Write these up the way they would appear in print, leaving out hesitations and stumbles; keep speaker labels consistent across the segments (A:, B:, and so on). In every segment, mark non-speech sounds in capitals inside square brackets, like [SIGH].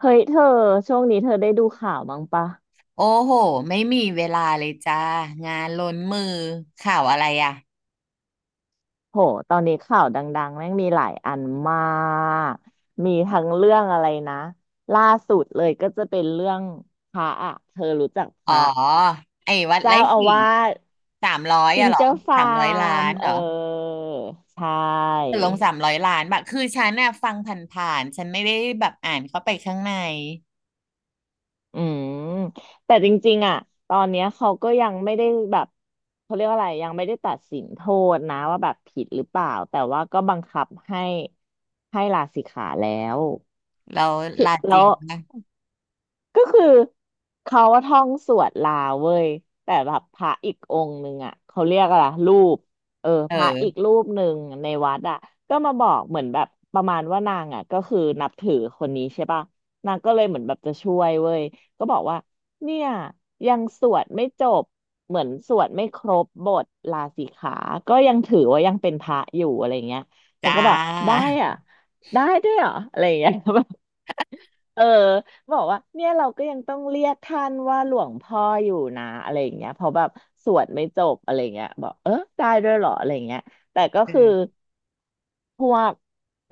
A: เฮ้ยเธอช่วงนี้เธอได้ดูข่าวบ้างปะ
B: โอ้โหไม่มีเวลาเลยจ้างานล้นมือข่าวอะไรอ่ะ
A: โหตอนนี้ข่าวดังๆแม่งมีหลายอันมากมีทั้งเรื่องอะไรนะล่าสุดเลยก็จะเป็นเรื่องพระอะเธอรู้จักพ
B: อ๋อ
A: ระ
B: ไอ้วัด
A: เจ้า
B: ไร่
A: อา
B: ขิง
A: วาส
B: สามร้อย
A: จิ
B: อะ
A: ง
B: เหรอ
A: เจ้า
B: สาม
A: ฟา
B: ร้อยล้า
A: ร์ม
B: นเหรอ
A: ใช่
B: ตกลงสามร้อยล้านแบบคือฉันน่ะฟังผ่านๆฉันไม่ได้แบบอ่านเข้าไปข้างใน
A: อืมแต่จริงๆอ่ะตอนเนี้ยเขาก็ยังไม่ได้แบบเขาเรียกว่าอะไรยังไม่ได้ตัดสินโทษนะว่าแบบผิดหรือเปล่าแต่ว่าก็บังคับให้ลาสิกขาแล้ว
B: แล้ว
A: ที่
B: ลาจ
A: แล้
B: ริง
A: ว
B: นะ
A: ก็คือเขาว่าท่องสวดลาเว้ยแต่แบบพระอีกองค์หนึ่งอ่ะเขาเรียกอะไรรูป
B: เ
A: พระอีก
B: ออ
A: รูปหนึ่งในวัดอ่ะก็มาบอกเหมือนแบบประมาณว่านางอ่ะก็คือนับถือคนนี้ใช่ป่ะนางก็เลยเหมือนแบบจะช่วยเว้ยก็บอกว่าเนี่ยยังสวดไม่จบเหมือนสวดไม่ครบบทลาสิกขาก็ยังถือว่ายังเป็นพระอยู่อะไรเงี้ยฉัน
B: จ้า
A: ก็แบบได้อ่ะได้ด้วยเหรออะไรเงี้ย [LAUGHS] เออบอกว่าเนี่ยเราก็ยังต้องเรียกท่านว่าหลวงพ่ออยู่นะอะไรอย่างเงี้ยเพราะแบบสวดไม่จบอะไรอย่างเงี้ยบอกได้ด้วยเหรออะไรอย่างเงี้ยแต่ก็คือ
B: เออ
A: พวก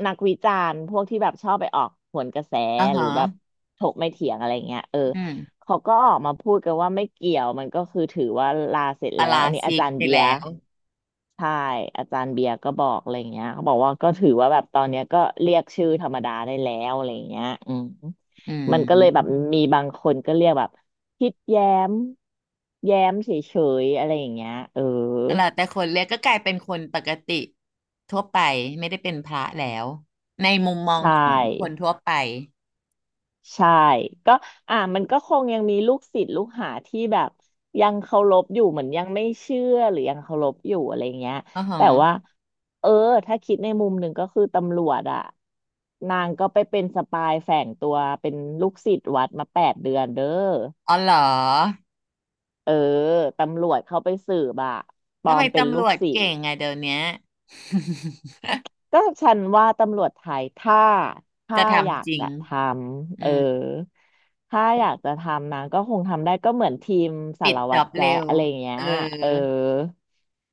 A: นักวิจารณ์พวกที่แบบชอบไปออกหวนกระแส
B: อ่า
A: หรื
B: ฮะ
A: อแบบถกไม่เถียงอะไรเงี้ย
B: อืม
A: เขาก็ออกมาพูดกันว่าไม่เกี่ยวมันก็คือถือว่าลาเสร็จ
B: ปา
A: แล้ว
B: รา
A: อันนี้อา
B: ชิก
A: จารย์
B: ไป
A: เบียร์
B: แล้ว
A: ใช่อาจารย์เบียร์ก็บอกอะไรเงี้ยเขาบอกว่าก็ถือว่าแบบตอนเนี้ยก็เรียกชื่อธรรมดาได้แล้วอะไรเงี้ย
B: อื
A: มันก็เลยแบบ
B: ม
A: มีบางคนก็เรียกแบบคิดแย้มแย้มเฉยๆอะไรอย่างเงี้ย
B: แล้วแต่คนเรียกก็กลายเป็นคนปกติทั่วไปไม่ได้เป็นพระแล้วในมุมมอ
A: ใช
B: งของคน
A: ่
B: ทั่วไป
A: ใช่ก็อ่ามันก็คงยังมีลูกศิษย์ลูกหาที่แบบยังเคารพอยู่เหมือนยังไม่เชื่อหรือยังเคารพอยู่อะไรเงี้ย
B: อ๋อฮะ
A: แต่ว่าเออถ้าคิดในมุมหนึ่งก็คือตำรวจอะนางก็ไปเป็นสปายแฝงตัวเป็นลูกศิษย์วัดมา8 เดือนเด้อ
B: อ๋อเหรอ
A: เออตำรวจเข้าไปสืบอะปล
B: ทำ
A: อ
B: ไม
A: มเป็น
B: ตำ
A: ลู
B: ร
A: ก
B: วจ
A: ศิษ
B: เก่
A: ย์
B: งอะเดี๋ยวเนี้ย [LAUGHS]
A: ก็ฉันว่าตำรวจไทยถ้า
B: จะ
A: อยา
B: ทำ
A: ก
B: จริง
A: จะทำ
B: อืม
A: ถ้าอยากจะทำนะก็คงทำได้ก็เหมือนทีมสา
B: ปิด
A: ร
B: จ
A: วั
B: อ
A: ตร
B: บเร็
A: แจ๊ะ
B: ว
A: อะไรอย่างเงี้
B: เอ
A: ย
B: อ
A: เออ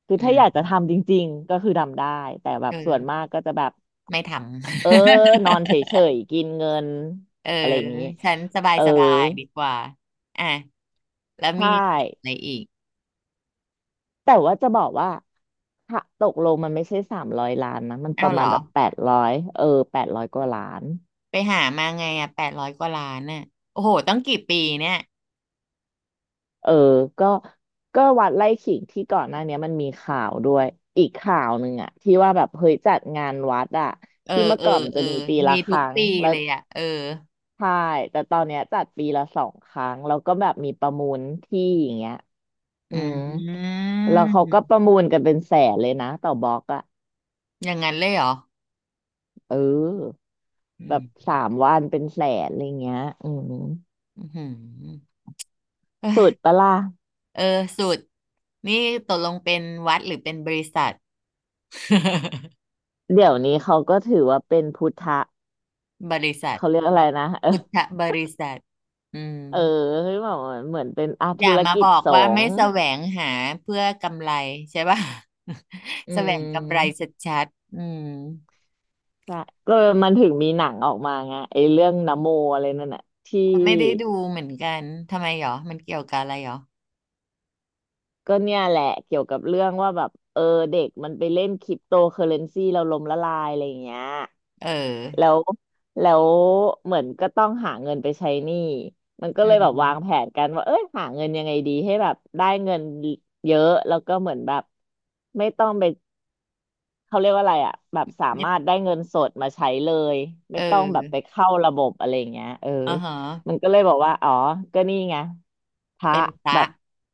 A: คือ
B: อื
A: ถ้า
B: ม
A: อยากจะทำจริงๆก็คือทำได้แต่แบ
B: เอ
A: บส่วนมา
B: อ
A: กก็จะแบบ
B: ไม่ทำ
A: เออนอนเฉยๆกินเงิน
B: [LAUGHS] เออ
A: อะไรอย่างงี้
B: ฉันสบาย
A: เออ
B: สบายดีกว่าอ่ะแล้ว
A: ใช่
B: มีอะไรอีก
A: แต่ว่าจะบอกว่าถ้าตกลงมันไม่ใช่300 ล้านนะมันป
B: เอา
A: ระ
B: เหร
A: มา
B: อ
A: ณแบบแปดร้อย800 กว่าล้าน
B: ไปหามาไงอ่ะ800 กว่าล้านน่ะโอ้โหต้องกี่ปีเนี่ย
A: เออก็ก็วัดไร่ขิงที่ก่อนหน้าเนี้ยมันมีข่าวด้วย อีกข่าวหนึ่งอะที่ว่าแบบเฮ้ยจัดงานวัดอะ
B: เออ
A: ที่เมื่อ
B: เออ
A: ก่อนมัน
B: เอ
A: จะ
B: อ
A: มีปีละ
B: มี
A: ค
B: ทุก
A: รั้ง
B: ปี
A: แล้ว
B: เลยอ่ะเออ
A: ใช่แต่ตอนเนี้ยจัดปีละ 2 ครั้งแล้วก็แบบมีประมูลที่อย่างเงี้ยอื
B: อื
A: ม
B: ม
A: แล้วเขาก็ประมูลกันเป็นแสนเลยนะต่อบล็อกอะ
B: อย่างนั้นเลยเหรอ
A: เออ
B: อื
A: แบบ
B: ม
A: 3 วันเป็นแสนอะไรเงี้ย
B: อือหือเอ้
A: สุด
B: ย
A: ปะล่ะ
B: เออสุดนี่ตกลงเป็นวัดหรือเป็นบริษัท [LAUGHS]
A: เดี๋ยวนี้เขาก็ถือว่าเป็นพุทธะ
B: บริษัท
A: เขาเรียกอะไรนะ
B: พุทธ
A: [LAUGHS]
B: บริษัทอืม
A: เออคือแบบเหมือนเป็นอา
B: อย่า
A: ธุร
B: มา
A: กิ
B: บ
A: จ
B: อก
A: ส
B: ว่า
A: ง
B: ไม่
A: ฆ์
B: แสวงหาเพื่อกำไรใช่ป่ะ
A: อื
B: [LAUGHS] แสวงกำไร
A: ม
B: ชัดๆอืม
A: ใช่ก็มันถึงมีหนังออกมาไงไอ้เรื่องนะโมอะไรนั่นน่ะที่
B: ไม่ได้ดูเหมือนกัน ทำไมหรอ มันเกี่ยวกับอะไรหรอ
A: ก็เนี่ยแหละเกี่ยวกับเรื่องว่าแบบเด็กมันไปเล่นคริปโตเคอเรนซีเราล้มละลายอะไรอย่างเงี้ย
B: เออ
A: แล้วแล้วเหมือนก็ต้องหาเงินไปใช้หนี้มันก็
B: อื
A: เลยแบบวางแผ
B: ม
A: นกันว่าเอ้ยหาเงินยังไงดีให้แบบได้เงินเยอะแล้วก็เหมือนแบบไม่ต้องไป เขาเรียกว่าอะไรอ่ะแบบสา
B: ไม่
A: มารถได้เงินสดมาใช้เลยไม่
B: เอ
A: ต้อง
B: อ
A: แบบไปเข้าระบบอะไรอย่างเงี้ย
B: อ่าฮะ
A: มันก็เลยบอกว่าอ๋อก็นี่ไงพระ
B: เป็นพ
A: แบ
B: ระ
A: บ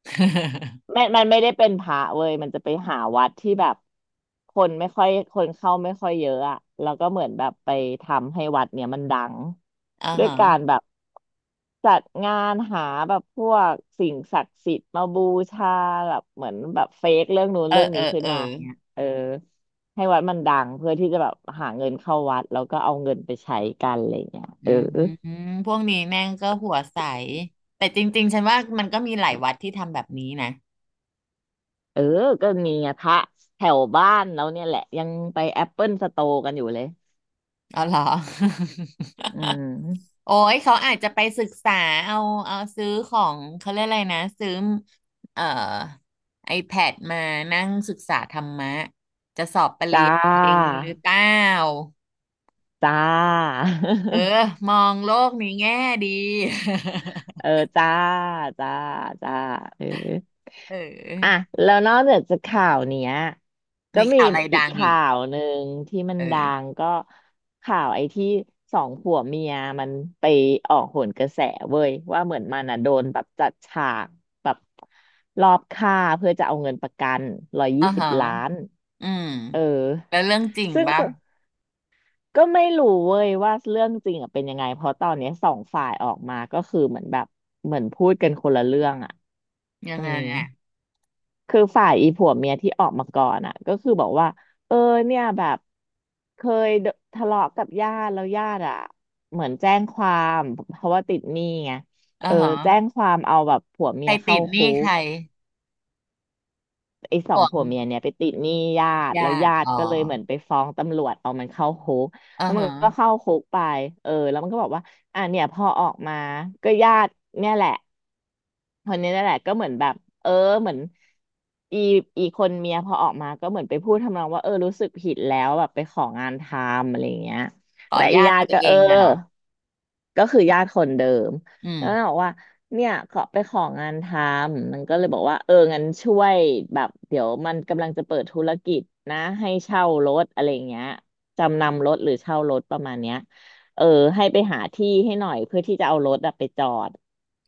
B: [LAUGHS]
A: ไม่มันไม่ได้เป็นพระเว้ยมันจะไปหาวัดที่แบบคนไม่ค่อยคนเข้าไม่ค่อยเยอะอะแล้วก็เหมือนแบบไปทำให้วัดเนี่ยมันดัง
B: อ่า
A: ด้วย
B: ฮะ
A: การแบบจัดงานหาแบบพวกสิ่งศักดิ์สิทธิ์มาบูชาแบบเหมือนแบบเฟกเรื่องนู้น
B: เออ
A: เรื่อง
B: เอ
A: นี้
B: อ
A: ขึ้
B: เอ
A: น
B: อ
A: มาเนี่ยให้วัดมันดังเพื่อที่จะแบบหาเงินเข้าวัดแล้วก็เอาเงินไปใช้กันอะไรเงี้ย
B: อื
A: เออ
B: มพวกนี้แม่งก็หัวใสแต่จริงๆฉันว่ามันก็มีหลายวัดที่ทำแบบนี้นะ
A: เออก็มีไงพระแถวบ้านแล้วเนี่ยแหละยังไปแอปเปิลสโตร์กันอยู่เลย
B: เอาเหรอ
A: อืม
B: [LAUGHS] โอ้ยเขาอาจจะไปศึกษาเอาเอาซื้อของเขาเรียกอะไรนะซื้อเอ่อ iPad มานั่งศึกษาธรรมะจะสอบปริญ
A: จ้า
B: ญาอะไรอย่างนี้หรือเปล่า
A: จ้า
B: เออมองโลกในี้แง่ดี
A: [LAUGHS] เออจ้าจ้าจ้าเออ
B: [LAUGHS] เ
A: อ่ะ
B: ออ
A: แล้วนอกจากข่าวเนี้ยก็
B: มี
A: มี
B: ข่าวอะไร
A: อี
B: ดั
A: ก
B: งอี
A: ข่า
B: ก
A: วหนึ่งที่มัน
B: เออ
A: ดังก็ข่าวไอ้ที่สองผัวเมียมันไปออกโหนกระแสเว้ยว่าเหมือนมันอ่ะโดนแบบจัดฉากแบบรอบฆ่าเพื่อจะเอาเงินประกันร้อย
B: อ่า
A: ยี่สิบ
B: ฮะ
A: ล้าน
B: อืม
A: เออ
B: แล้วเรื่องจริง
A: ซึ่ง
B: ปะ
A: ก็ไม่รู้เว้ยว่าเรื่องจริงอะเป็นยังไงเพราะตอนเนี้ยสองฝ่ายออกมาก็คือเหมือนแบบเหมือนพูดกันคนละเรื่องอ่ะ
B: ยัง
A: อื
B: ไง
A: ม
B: อ่ะ
A: คือฝ่ายอีผัวเมียที่ออกมาก่อนอ่ะก็คือบอกว่าเออเนี่ยแบบเคยโดทะเลาะกับญาติแล้วญาติอ่ะเหมือนแจ้งความเพราะว่าติดหนี้ไง
B: อ่า
A: เออ
B: ฮะ
A: แจ้งความเอาแบบผัว
B: ใค
A: เมี
B: ร
A: ย
B: ติ
A: เข้า
B: ดห
A: คุ
B: นี้ใค
A: ก
B: ร
A: ไอ้สอ
B: ห่
A: ง
B: วง
A: ผัวเมียเนี่ยไปติดหนี้ญาติแล้ว
B: ญาติ
A: ญา
B: อ๋
A: ติ
B: อ
A: ก็เลยเหมือนไปฟ้องตำรวจเอามันเข้าคุก
B: อ่า
A: แล้วมัน
B: ฮะ
A: ก็เข้าคุกไปเออแล้วมันก็บอกว่าอ่ะเนี่ยพอออกมาก็ญาติเนี่ยแหละ คนนี้นั่นแหละก็เหมือนแบบเออเหมือนอีอีคนเมียพอออกมาก็เหมือนไปพูดทำนองว่าเออรู้สึกผิดแล้วแบบไปของานทำอะไรอย่างเงี้ย
B: ขอ
A: และอี
B: ญาติ
A: ญา
B: ตั
A: ติ
B: ว
A: ก็
B: เอ
A: เออ
B: งน่ะเหรอ
A: ก็คือญาติคนเดิม
B: อืม
A: แล้วนางบอกว่าเนี่ยขอไปของานทำมันก็เลยบอกว่าเอองั้นช่วยแบบเดี๋ยวมันกำลังจะเปิดธุรกิจนะให้เช่ารถอะไรอย่างเงี้ยจำนำรถหรือเช่ารถประมาณเนี้ย เออให้ไปหาที่ให้หน่อยเพื่อที่จะเอารถอะไปจอด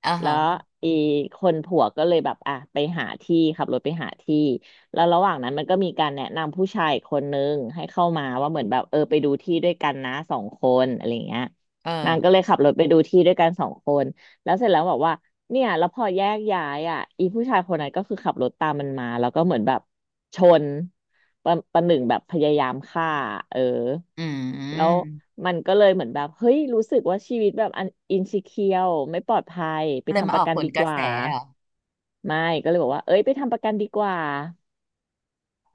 B: อ่า
A: แล้
B: ฮะ
A: วอีคนผัวก็เลยแบบอ่ะไปหาที่ขับรถไปหาที่แล้วระหว่างนั้นมันก็มีการแนะนำผู้ชายคนนึงให้เข้ามาว่าเหมือนแบบเออไปดูที่ด้วยกันนะสองคนอะไรอย่างเงี้ย
B: เออ
A: นางก็เลยขับรถไปดูที่ด้วยกันสองคนแล้วเสร็จแล้วบอกว่าเนี่ยแล้วพอแยกย้ายอ่ะอีผู้ชายคนนั้นก็คือขับรถตามมันมาแล้วก็เหมือนแบบชน ประประหนึ่งแบบพยายามฆ่าเออ
B: อื
A: แล้ว
B: ม
A: มันก็เลยเหมือนแบบเฮ้ยรู้สึกว่าชีวิตแบบอันอินซิเคียวไม่ปลอดภัยไป
B: เลย
A: ทำ
B: มา
A: ป
B: อ
A: ระ
B: อก
A: กัน
B: ผล
A: ดี
B: ก
A: ก
B: ระแส
A: ว่า
B: เหรอ
A: ไม่ก็เลยบอกว่าเอ้ยไปทำประกันดีกว่า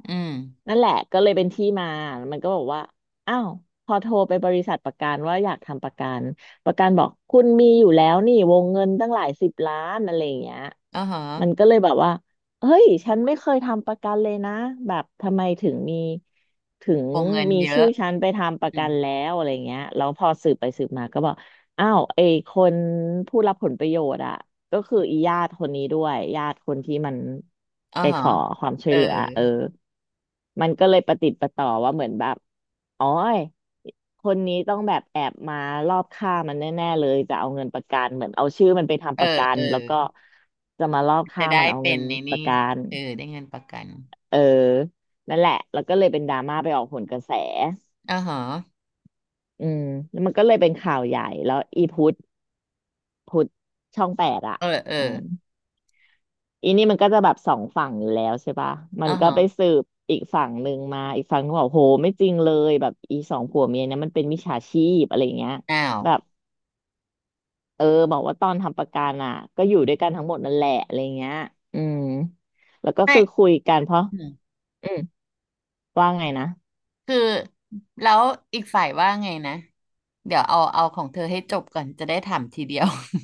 B: อืม
A: นั่นแหละก็เลยเป็นที่มามันก็บอกว่าอ้าวพอโทรไปบริษัทประกันว่าอยากทำประกันประกันบอกคุณมีอยู่แล้วนี่วงเงินตั้งหลายสิบล้านอะไรอย่างเงี้ย
B: อ่าฮะ
A: มันก็เลยแบบว่าเฮ้ยฉันไม่เคยทำประกันเลยนะแบบทำไมถึง
B: วงเงิน
A: มี
B: เยอะ
A: ชื่อฉันไปทำป
B: อื
A: ระกั
B: ม
A: นแล้วอะไรเงี้ยแล้วพอสืบไปสืบมาก็บอกอ้าวไอ้คนผู้รับผลประโยชน์อะ ก็คืออีญาติคนนี้ด้วยญาติคนที่มัน
B: อ่า
A: ไป
B: ฮะ
A: ขอความช่
B: เอ
A: ว
B: อ
A: ยเหลือเออมันก็เลยประติดประต่อว่าเหมือนแบบอ๋อยคนนี้ต้องแบบแอบมารอบฆ่ามันแน่ๆเลยจะเอาเงินประกันเหมือนเอาชื่อมันไป
B: เอ
A: ทำ
B: อ
A: ประกั
B: เอ
A: น
B: อ
A: แล้วก็จะมารอบ
B: จะ
A: ฆ่า
B: ได้
A: มันเอา
B: เป็
A: เงิ
B: น
A: น
B: ใน
A: ประ
B: นี่
A: กัน
B: เออได้เงินประกัน
A: เออนั่นแหละแล้วก็เลยเป็นดราม่าไปออกผลกระแส
B: อ่าฮะ
A: อืมแล้วมันก็เลยเป็นข่าวใหญ่แล้วอีพุทธช่องแปดอ่ะ
B: เออเออ
A: อืม อีนี่มันก็จะแบบสองฝั่งอยู่แล้วใช่ปะ มั
B: อ่า
A: นก็
B: ฮะ
A: ไปสืบอีกฝั่งหนึ่งมาอีกฝั่งก็บอกโหไม่จริงเลยแบบอีสองผัวเมียเนี่ยมันเป็นมิจฉาชีพอะไรเงี้ย
B: อ้าว
A: แบบเออบอกว่าตอนทำประกันอ่ะก็อยู่ด้วยกันทั้งหมดนั่นแหละอะไรเงี้ยอืมแล้วก็
B: ไม่
A: คือคุยกันเพราะอืมว่าไงนะ
B: คือแล้วอีกฝ่ายว่าไงนะเดี๋ยวเอาเอาของเธอให้จบก่อนจะได้ถามทีเดียว [LAUGHS]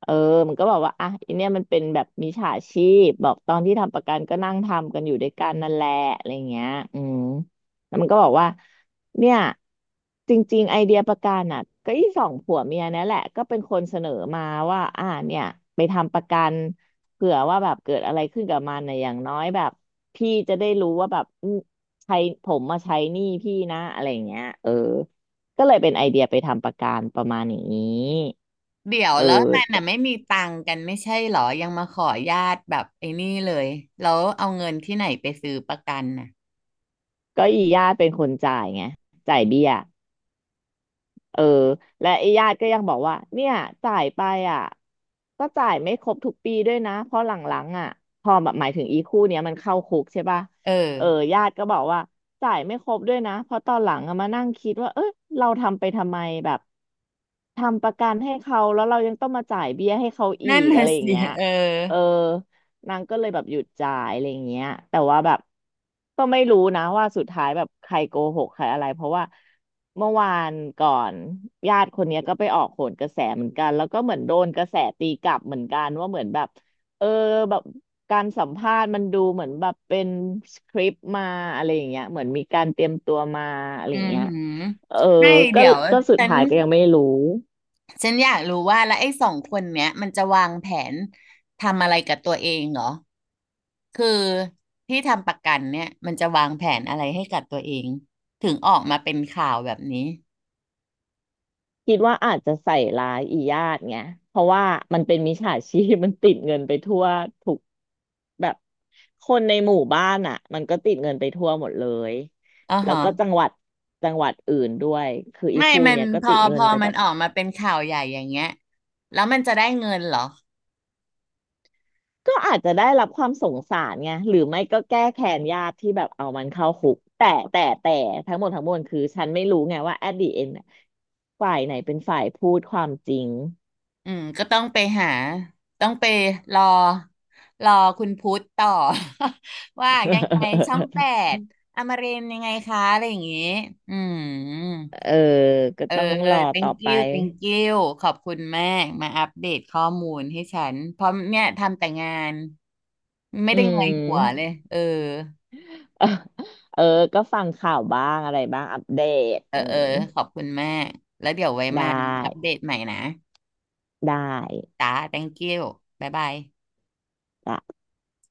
A: เออมันก็บอกว่าอ่ะอันเนี้ยมันเป็นแบบมิจฉาชีพบอกตอนที่ทำประกันก็นั่งทำกันอยู่ด้วยกันนั่นแหละอะไรเงี้ยอืมแล้วมันก็บอกว่าเนี่ยจริงๆไอเดียประกันอ่ะก็อีสองผัวเมียเนี่ยแหละ ก็เป็นคนเสนอมาว่าอ่าเนี่ยไปทำประกันเผื่อว่าแบบเกิดอะไรขึ้นกับมันน่ะอย่างน้อยแบบพี่จะได้รู้ว่าแบบอืมใช้ผมมาใช้หนี้พี่นะอะไรเงี้ยเออก็เลยเป็นไอเดียไปทำประกันประมาณอย่างนี้
B: เดี๋ยว
A: เอ
B: แล้วมันน่ะ
A: อ
B: ไม่มีตังค์กันไม่ใช่เหรอยังมาขอญาติแบบไอ้นี่เลยแล้วเอาเงินที่ไหนไปซื้อประกันน่ะ
A: ก็อีญาติเป็นคนจ่ายไงจ่ายเบี้ยเออและไอ้ญาติก็ยังบอกว่าเนี่ยจ่ายไปอ่ะก็จ่ายไม่ครบทุกปีด้วยนะเพราะหลังๆอ่ะพอแบบหมายถึงอีคู่เนี้ยมันเข้าคุกใช่ป่ะ
B: เออ
A: เออญาติก็บอกว่าจ่ายไม่ครบด้วยนะเพราะตอนหลังอะมานั่งคิดว่าเออเราทำไปทำไมแบบทำประกันให้เขาแล้วเรายังต้องมาจ่ายเบี้ยให้เขาอี
B: นั่น
A: กอะ
B: น่ะ
A: ไรอย่าง
B: สิ
A: เงี้ย
B: เออ
A: เออ นางก็เลยแบบหยุดจ่ายอะไรอย่างเงี้ยแต่ว่าแบบก็ไม่รู้นะว่าสุดท้ายแบบใครโกหกใครอะไร เพราะว่าเมื่อวานก่อนญาติคนเนี้ยก็ไปออกโหนกระแสเหมือนกัน แล้วก็เหมือนโดนกระแสตีกลับเหมือนกันว่าเหมือนแบบเออแบบการสัมภาษณ์มันดูเหมือนแบบเป็นสคริปต์มาอะไรอย่างเงี้ยเหมือนมีการเตรียมตัวมาอะไร
B: อื
A: อย่าง
B: อ
A: เงี้ย
B: หือ
A: เออ
B: ไม่
A: ก็
B: เดี๋ยว
A: ก็สุด
B: ฉัน
A: ท้ายก็ยังไม่รู้
B: ฉันอยากรู้ว่าแล้วไอ้สองคนเนี้ยมันจะวางแผนทำอะไรกับตัวเองเหรอ คือที่ทำประกันเนี่ยมันจะวางแผนอะไรให้กับตัวเองถึงออกมาเป็นข่าวแบบนี้
A: คิดว่าอาจจะใส่ร้ายอีญาติไงเพราะว่ามันเป็นมิจฉาชีพ [LAUGHS] มันติดเงินไปทั่วทุกแบบคนในหมู่บ้านอ่ะมันก็ติดเงินไปทั่วหมดเลย
B: อ่า
A: แล้ว
B: ฮะ
A: ก็จังหวัดอื่นด้วยคืออี
B: ไม่
A: คู่
B: มัน
A: เนี้ยก็
B: พ
A: ติ
B: อ
A: ด
B: พ
A: เงิน
B: อ
A: ไป
B: มั
A: แบ
B: น
A: บ
B: ออกมาเป็นข่าวใหญ่อย่างเงี้ยแล้วมันจะได้เงินเหรอ
A: ก็อาจจะได้รับความสงสารไงหรือไม่ก็แก้แค้นญาติที่แบบเอามันเข้าคุกแต่ทั้งหมดทั้งมวลคือฉันไม่รู้ไงว่า at the end อะฝ่ายไหนเป็นฝ่ายพูดความจริง
B: อืมก็ต้องไปรอรอคุณพุทธต่อ [LAUGHS] ว่ายังไงช่อง 8
A: [LAUGHS]
B: อมรินทร์ยังไงคะอะไรอย่างงี้อืม
A: เออ ก็
B: เออ
A: ต้องรอต่อ
B: thank
A: ไป
B: you thank you ขอบคุณมาก มาอัปเดตข้อมูลให้ฉันเพราะเนี่ยทำแต่งานไม่
A: อื
B: ได้เงยหัวเล
A: ม
B: ยเออ
A: เออเออ ก็ฟังข่าวบ้างอะไรบ้าง อัปเดต
B: เออ
A: อื
B: เออ
A: ม
B: ขอบคุณมาก แล้วเดี๋ยวไว้
A: ได้
B: มาอัปเดตใหม่นะ
A: ได
B: จ้า thank you บ๊ายบาย
A: ้